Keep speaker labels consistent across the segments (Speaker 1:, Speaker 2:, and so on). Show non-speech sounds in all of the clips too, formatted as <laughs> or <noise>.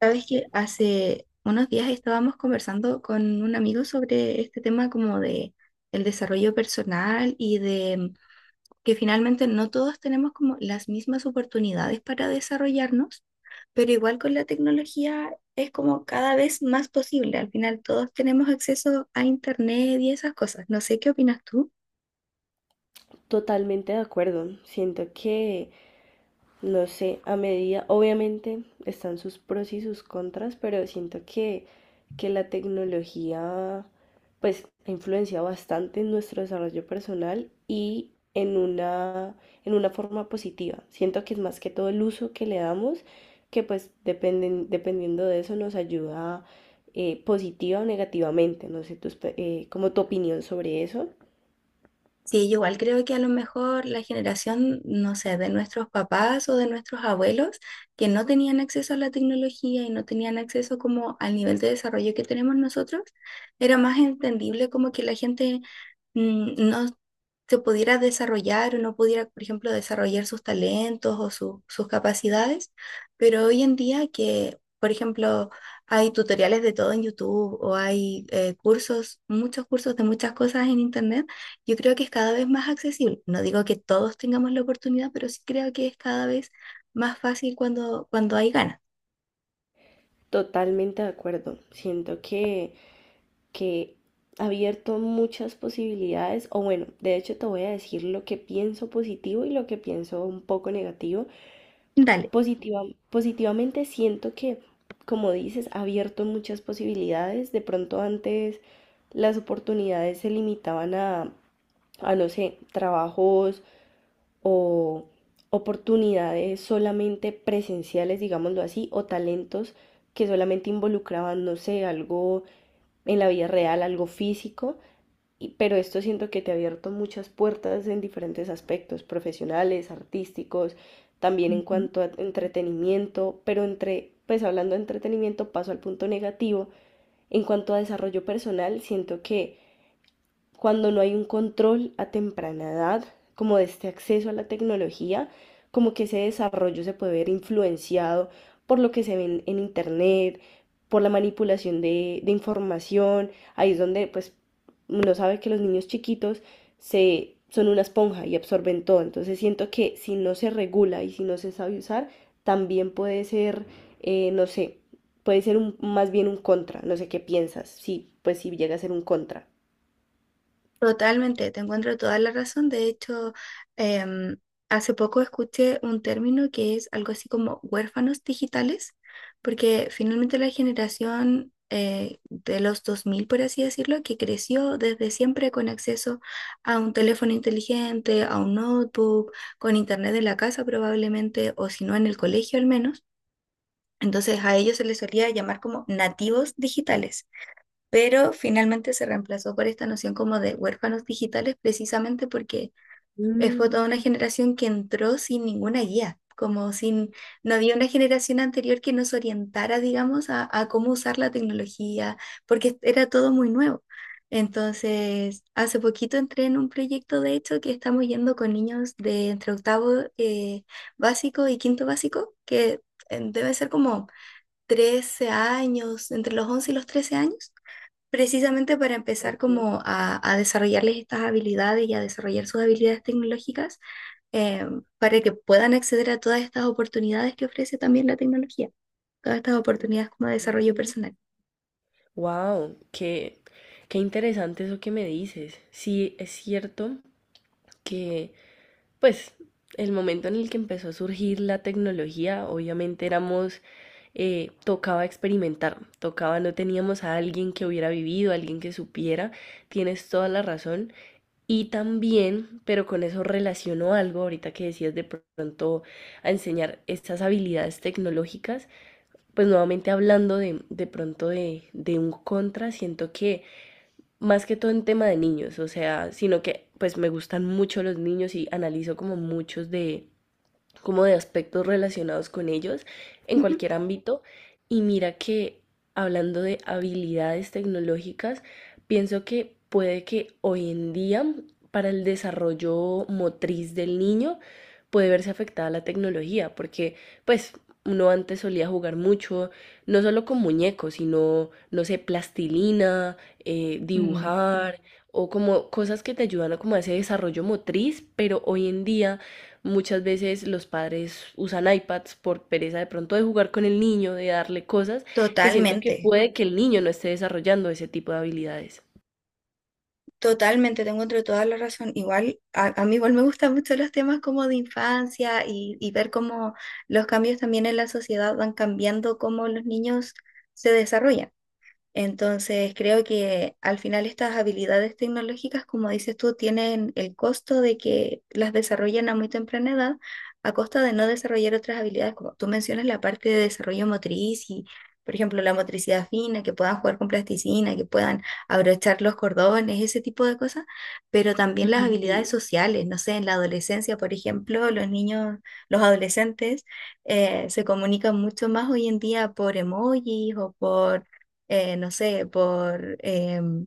Speaker 1: Sabes que hace unos días estábamos conversando con un amigo sobre este tema como de el desarrollo personal y de que finalmente no todos tenemos como las mismas oportunidades para desarrollarnos, pero igual con la tecnología es como cada vez más posible. Al final todos tenemos acceso a internet y esas cosas. No sé qué opinas tú.
Speaker 2: Totalmente de acuerdo. Siento que, no sé, a medida, obviamente están sus pros y sus contras, pero siento que la tecnología pues ha influenciado bastante en nuestro desarrollo personal y en una forma positiva. Siento que es más que todo el uso que le damos, que pues dependen, dependiendo de eso nos ayuda positiva o negativamente. No sé, como tu opinión sobre eso.
Speaker 1: Sí, yo igual creo que a lo mejor la generación, no sé, de nuestros papás o de nuestros abuelos que no tenían acceso a la tecnología y no tenían acceso como al nivel de desarrollo que tenemos nosotros, era más entendible como que la gente no se pudiera desarrollar o no pudiera, por ejemplo, desarrollar sus talentos o sus capacidades, pero hoy en día que, por ejemplo, hay tutoriales de todo en YouTube o hay cursos, muchos cursos de muchas cosas en Internet, yo creo que es cada vez más accesible. No digo que todos tengamos la oportunidad, pero sí creo que es cada vez más fácil cuando hay ganas.
Speaker 2: Totalmente de acuerdo. Siento que ha abierto muchas posibilidades, o bueno, de hecho te voy a decir lo que pienso positivo y lo que pienso un poco negativo.
Speaker 1: Dale.
Speaker 2: Positiva, positivamente siento que, como dices, ha abierto muchas posibilidades. De pronto antes las oportunidades se limitaban a no sé, trabajos o oportunidades solamente presenciales, digámoslo así, o talentos que solamente involucraban, no sé, algo en la vida real, algo físico, pero esto siento que te ha abierto muchas puertas en diferentes aspectos, profesionales, artísticos, también en cuanto a entretenimiento, pero entre, pues hablando de entretenimiento, paso al punto negativo, en cuanto a desarrollo personal, siento que cuando no hay un control a temprana edad, como de este acceso a la tecnología, como que ese desarrollo se puede ver influenciado por lo que se ve en internet, por la manipulación de información. Ahí es donde pues uno sabe que los niños chiquitos son una esponja y absorben todo. Entonces siento que si no se regula y si no se sabe usar, también puede ser, no sé, puede ser un, más bien un contra. No sé qué piensas. Sí, pues si llega a ser un contra.
Speaker 1: Totalmente, te encuentro toda la razón. De hecho, em, hace poco escuché un término que es algo así como huérfanos digitales, porque finalmente la generación de los 2000, por así decirlo, que creció desde siempre con acceso a un teléfono inteligente, a un notebook, con internet en la casa probablemente, o si no en el colegio al menos. Entonces a ellos se les solía llamar como nativos digitales pero finalmente se reemplazó por esta noción como de huérfanos digitales precisamente porque fue toda una
Speaker 2: Mm,
Speaker 1: generación que entró sin ninguna guía, como sin, no había una generación anterior que nos orientara, digamos, a cómo usar la tecnología, porque era todo muy nuevo. Entonces, hace poquito entré en un proyecto, de hecho, que estamos yendo con niños de entre octavo eh, básico y quinto básico, que debe ser como 13 años, entre los 11 y los 13 años precisamente para empezar
Speaker 2: ok.
Speaker 1: como a desarrollarles estas habilidades y a desarrollar sus habilidades tecnológicas eh, para que puedan acceder a todas estas oportunidades que ofrece también la tecnología, todas estas oportunidades como de desarrollo personal.
Speaker 2: Wow, qué, qué interesante eso que me dices. Sí, es cierto que, pues, el momento en el que empezó a surgir la tecnología, obviamente éramos, tocaba experimentar, tocaba, no teníamos a alguien que hubiera vivido, alguien que supiera, tienes toda la razón. Y también, pero con eso relaciono algo ahorita que decías de pronto a enseñar estas habilidades tecnológicas. Pues nuevamente hablando de pronto de un contra, siento que más que todo en tema de niños, o sea, sino que pues me gustan mucho los niños y analizo como muchos de, como de aspectos relacionados con ellos en
Speaker 1: Ujú.
Speaker 2: cualquier ámbito. Y mira que hablando de habilidades tecnológicas, pienso que puede que hoy en día para el desarrollo motriz del niño puede verse afectada la tecnología, porque pues uno antes solía jugar mucho, no solo con muñecos, sino, no sé, plastilina,
Speaker 1: Mm,
Speaker 2: dibujar o como cosas que te ayudan a como a ese desarrollo motriz, pero hoy en día muchas veces los padres usan iPads por pereza de pronto de jugar con el niño, de darle cosas, que siento que
Speaker 1: totalmente,
Speaker 2: puede que el niño no esté desarrollando ese tipo de habilidades.
Speaker 1: totalmente, te encuentro toda la razón. Igual, a mí igual me gustan mucho los temas como de infancia y ver cómo los cambios también en la sociedad van cambiando cómo los niños se desarrollan. Entonces, creo que al final estas habilidades tecnológicas, como dices tú, tienen el costo de que las desarrollen a muy temprana edad, a costa de no desarrollar otras habilidades, como tú mencionas la parte de desarrollo motriz y, por ejemplo, la motricidad fina, que puedan jugar con plasticina, que puedan abrochar los cordones, ese tipo de cosas, pero también las
Speaker 2: Ujú.
Speaker 1: habilidades sociales, no sé, en la adolescencia, por ejemplo, los niños, los adolescentes se comunican mucho más hoy en día por emojis o por no sé, por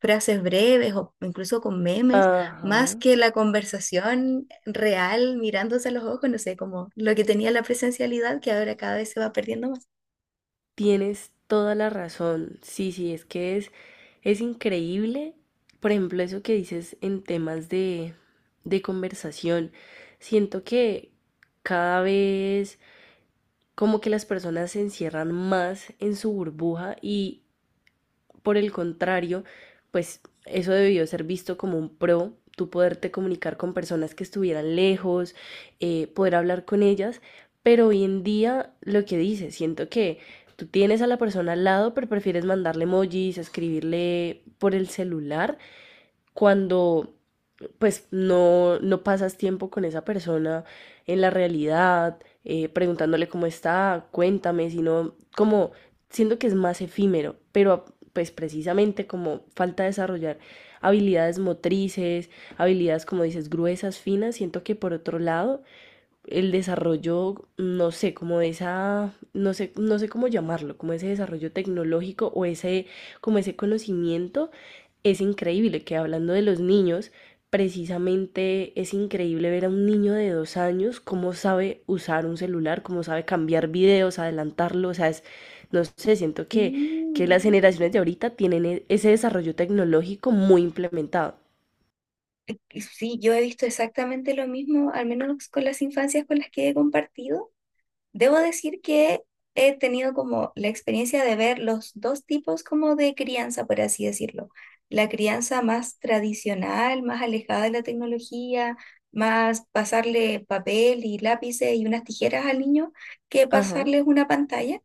Speaker 1: frases breves o incluso con memes, más
Speaker 2: Ajá,
Speaker 1: que la conversación real mirándose a los ojos, no sé, como lo que tenía la presencialidad que ahora cada vez se va perdiendo más.
Speaker 2: tienes toda la razón. Sí, sí, es que es increíble, por ejemplo, eso que dices en temas de conversación. Siento que cada vez como que las personas se encierran más en su burbuja y por el contrario, pues eso debió ser visto como un pro, tú poderte comunicar con personas que estuvieran lejos, poder hablar con ellas, pero hoy en día lo que dices, siento que tú tienes a la persona al lado, pero prefieres mandarle emojis, escribirle por el celular, cuando pues no, no pasas tiempo con esa persona en la realidad, preguntándole cómo está, cuéntame, sino como siento que es más efímero, pero pues precisamente como falta desarrollar habilidades motrices, habilidades como dices gruesas, finas, siento que por otro lado el desarrollo, no sé, como esa, no sé, no sé cómo llamarlo, como ese desarrollo tecnológico o ese, como ese conocimiento, es increíble que hablando de los niños, precisamente es increíble ver a un niño de 2 años cómo sabe usar un celular, cómo sabe cambiar videos, adelantarlo, o sea, es, no sé, siento que
Speaker 1: Mm,
Speaker 2: las generaciones de ahorita tienen ese desarrollo tecnológico muy implementado.
Speaker 1: y sí, yo he visto exactamente lo mismo, al menos con las infancias con las que he compartido. Debo decir que he tenido como la experiencia de ver los dos tipos como de crianza, por así decirlo. La crianza más tradicional, más alejada de la tecnología, más pasarle papel y lápices y unas tijeras al niño que
Speaker 2: Ajá.
Speaker 1: pasarles una pantalla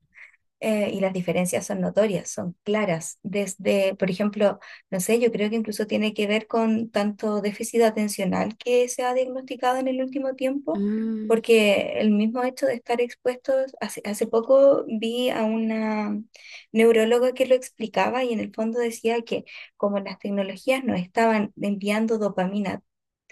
Speaker 1: eh, Y las diferencias son notorias, son claras. Desde, por ejemplo, no sé, yo creo que incluso tiene que ver con tanto déficit atencional que se ha diagnosticado en el último tiempo,
Speaker 2: Mm,
Speaker 1: porque el mismo hecho de estar expuestos, hace poco vi a una neuróloga que lo explicaba y en el fondo decía que como las tecnologías nos estaban enviando dopamina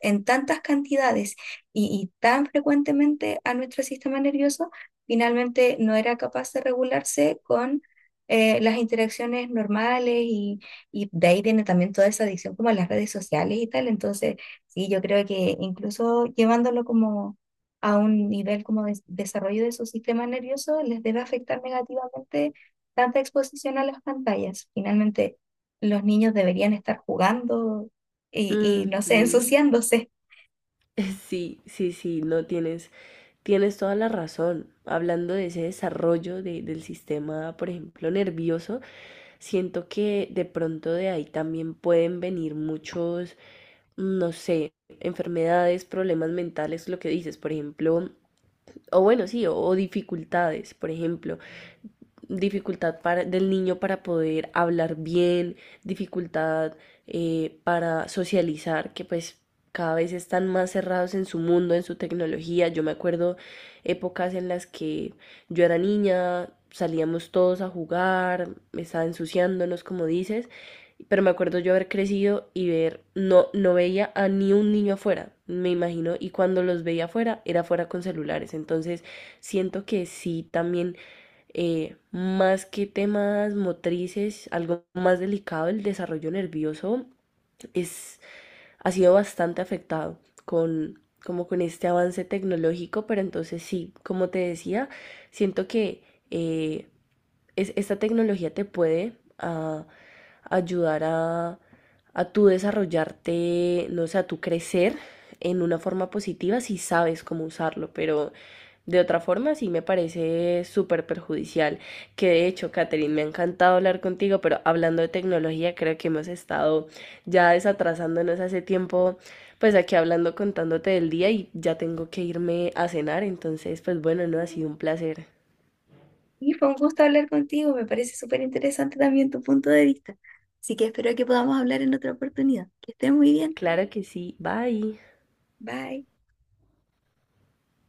Speaker 1: en tantas cantidades y tan frecuentemente a nuestro sistema nervioso, finalmente no era capaz de regularse con las interacciones normales y de ahí tiene también toda esa adicción como a las redes sociales y tal. Entonces, sí, yo creo que incluso llevándolo como a un nivel como de desarrollo de su sistema nervioso, les debe afectar negativamente tanta exposición a las pantallas. Finalmente, los niños deberían estar jugando
Speaker 2: mm,
Speaker 1: y no sé, <laughs>
Speaker 2: mm.
Speaker 1: ensuciándose.
Speaker 2: <laughs> Sí, sí, sí, no tienes, tienes toda la razón. Hablando de ese desarrollo del sistema, por ejemplo, nervioso, siento que de pronto de ahí también pueden venir muchos, no sé, enfermedades, problemas mentales, lo que dices, por ejemplo, o bueno, sí, o dificultades, por ejemplo dificultad para, del niño para poder hablar bien, dificultad para socializar, que pues cada vez están más cerrados en su mundo, en su tecnología. Yo me acuerdo épocas en las que yo era niña, salíamos todos a jugar, me estaba ensuciándonos, como dices, pero me acuerdo yo haber crecido y ver, no, no veía a ni un niño afuera, me imagino, y cuando los veía afuera, era afuera con celulares. Entonces, siento que sí también más que temas motrices, algo más delicado, el desarrollo nervioso es, ha sido bastante afectado con, como con este avance tecnológico, pero entonces sí, como te decía, siento que eh, esta tecnología te puede uh, ayudar a tú desarrollarte, no sé, a tú crecer en una forma positiva si sabes cómo usarlo, pero de otra forma sí me parece súper perjudicial. Que de hecho, Catherine, me ha encantado hablar contigo, pero hablando de tecnología creo que hemos estado ya desatrasándonos hace tiempo, pues aquí hablando, contándote del día y ya tengo que irme a cenar, entonces pues bueno, no ha sido un placer.
Speaker 1: Y fue un gusto hablar contigo, me parece súper interesante también tu punto de vista. Así que espero que podamos hablar en otra oportunidad. Que estés muy bien.
Speaker 2: Claro que sí, bye.
Speaker 1: Bye.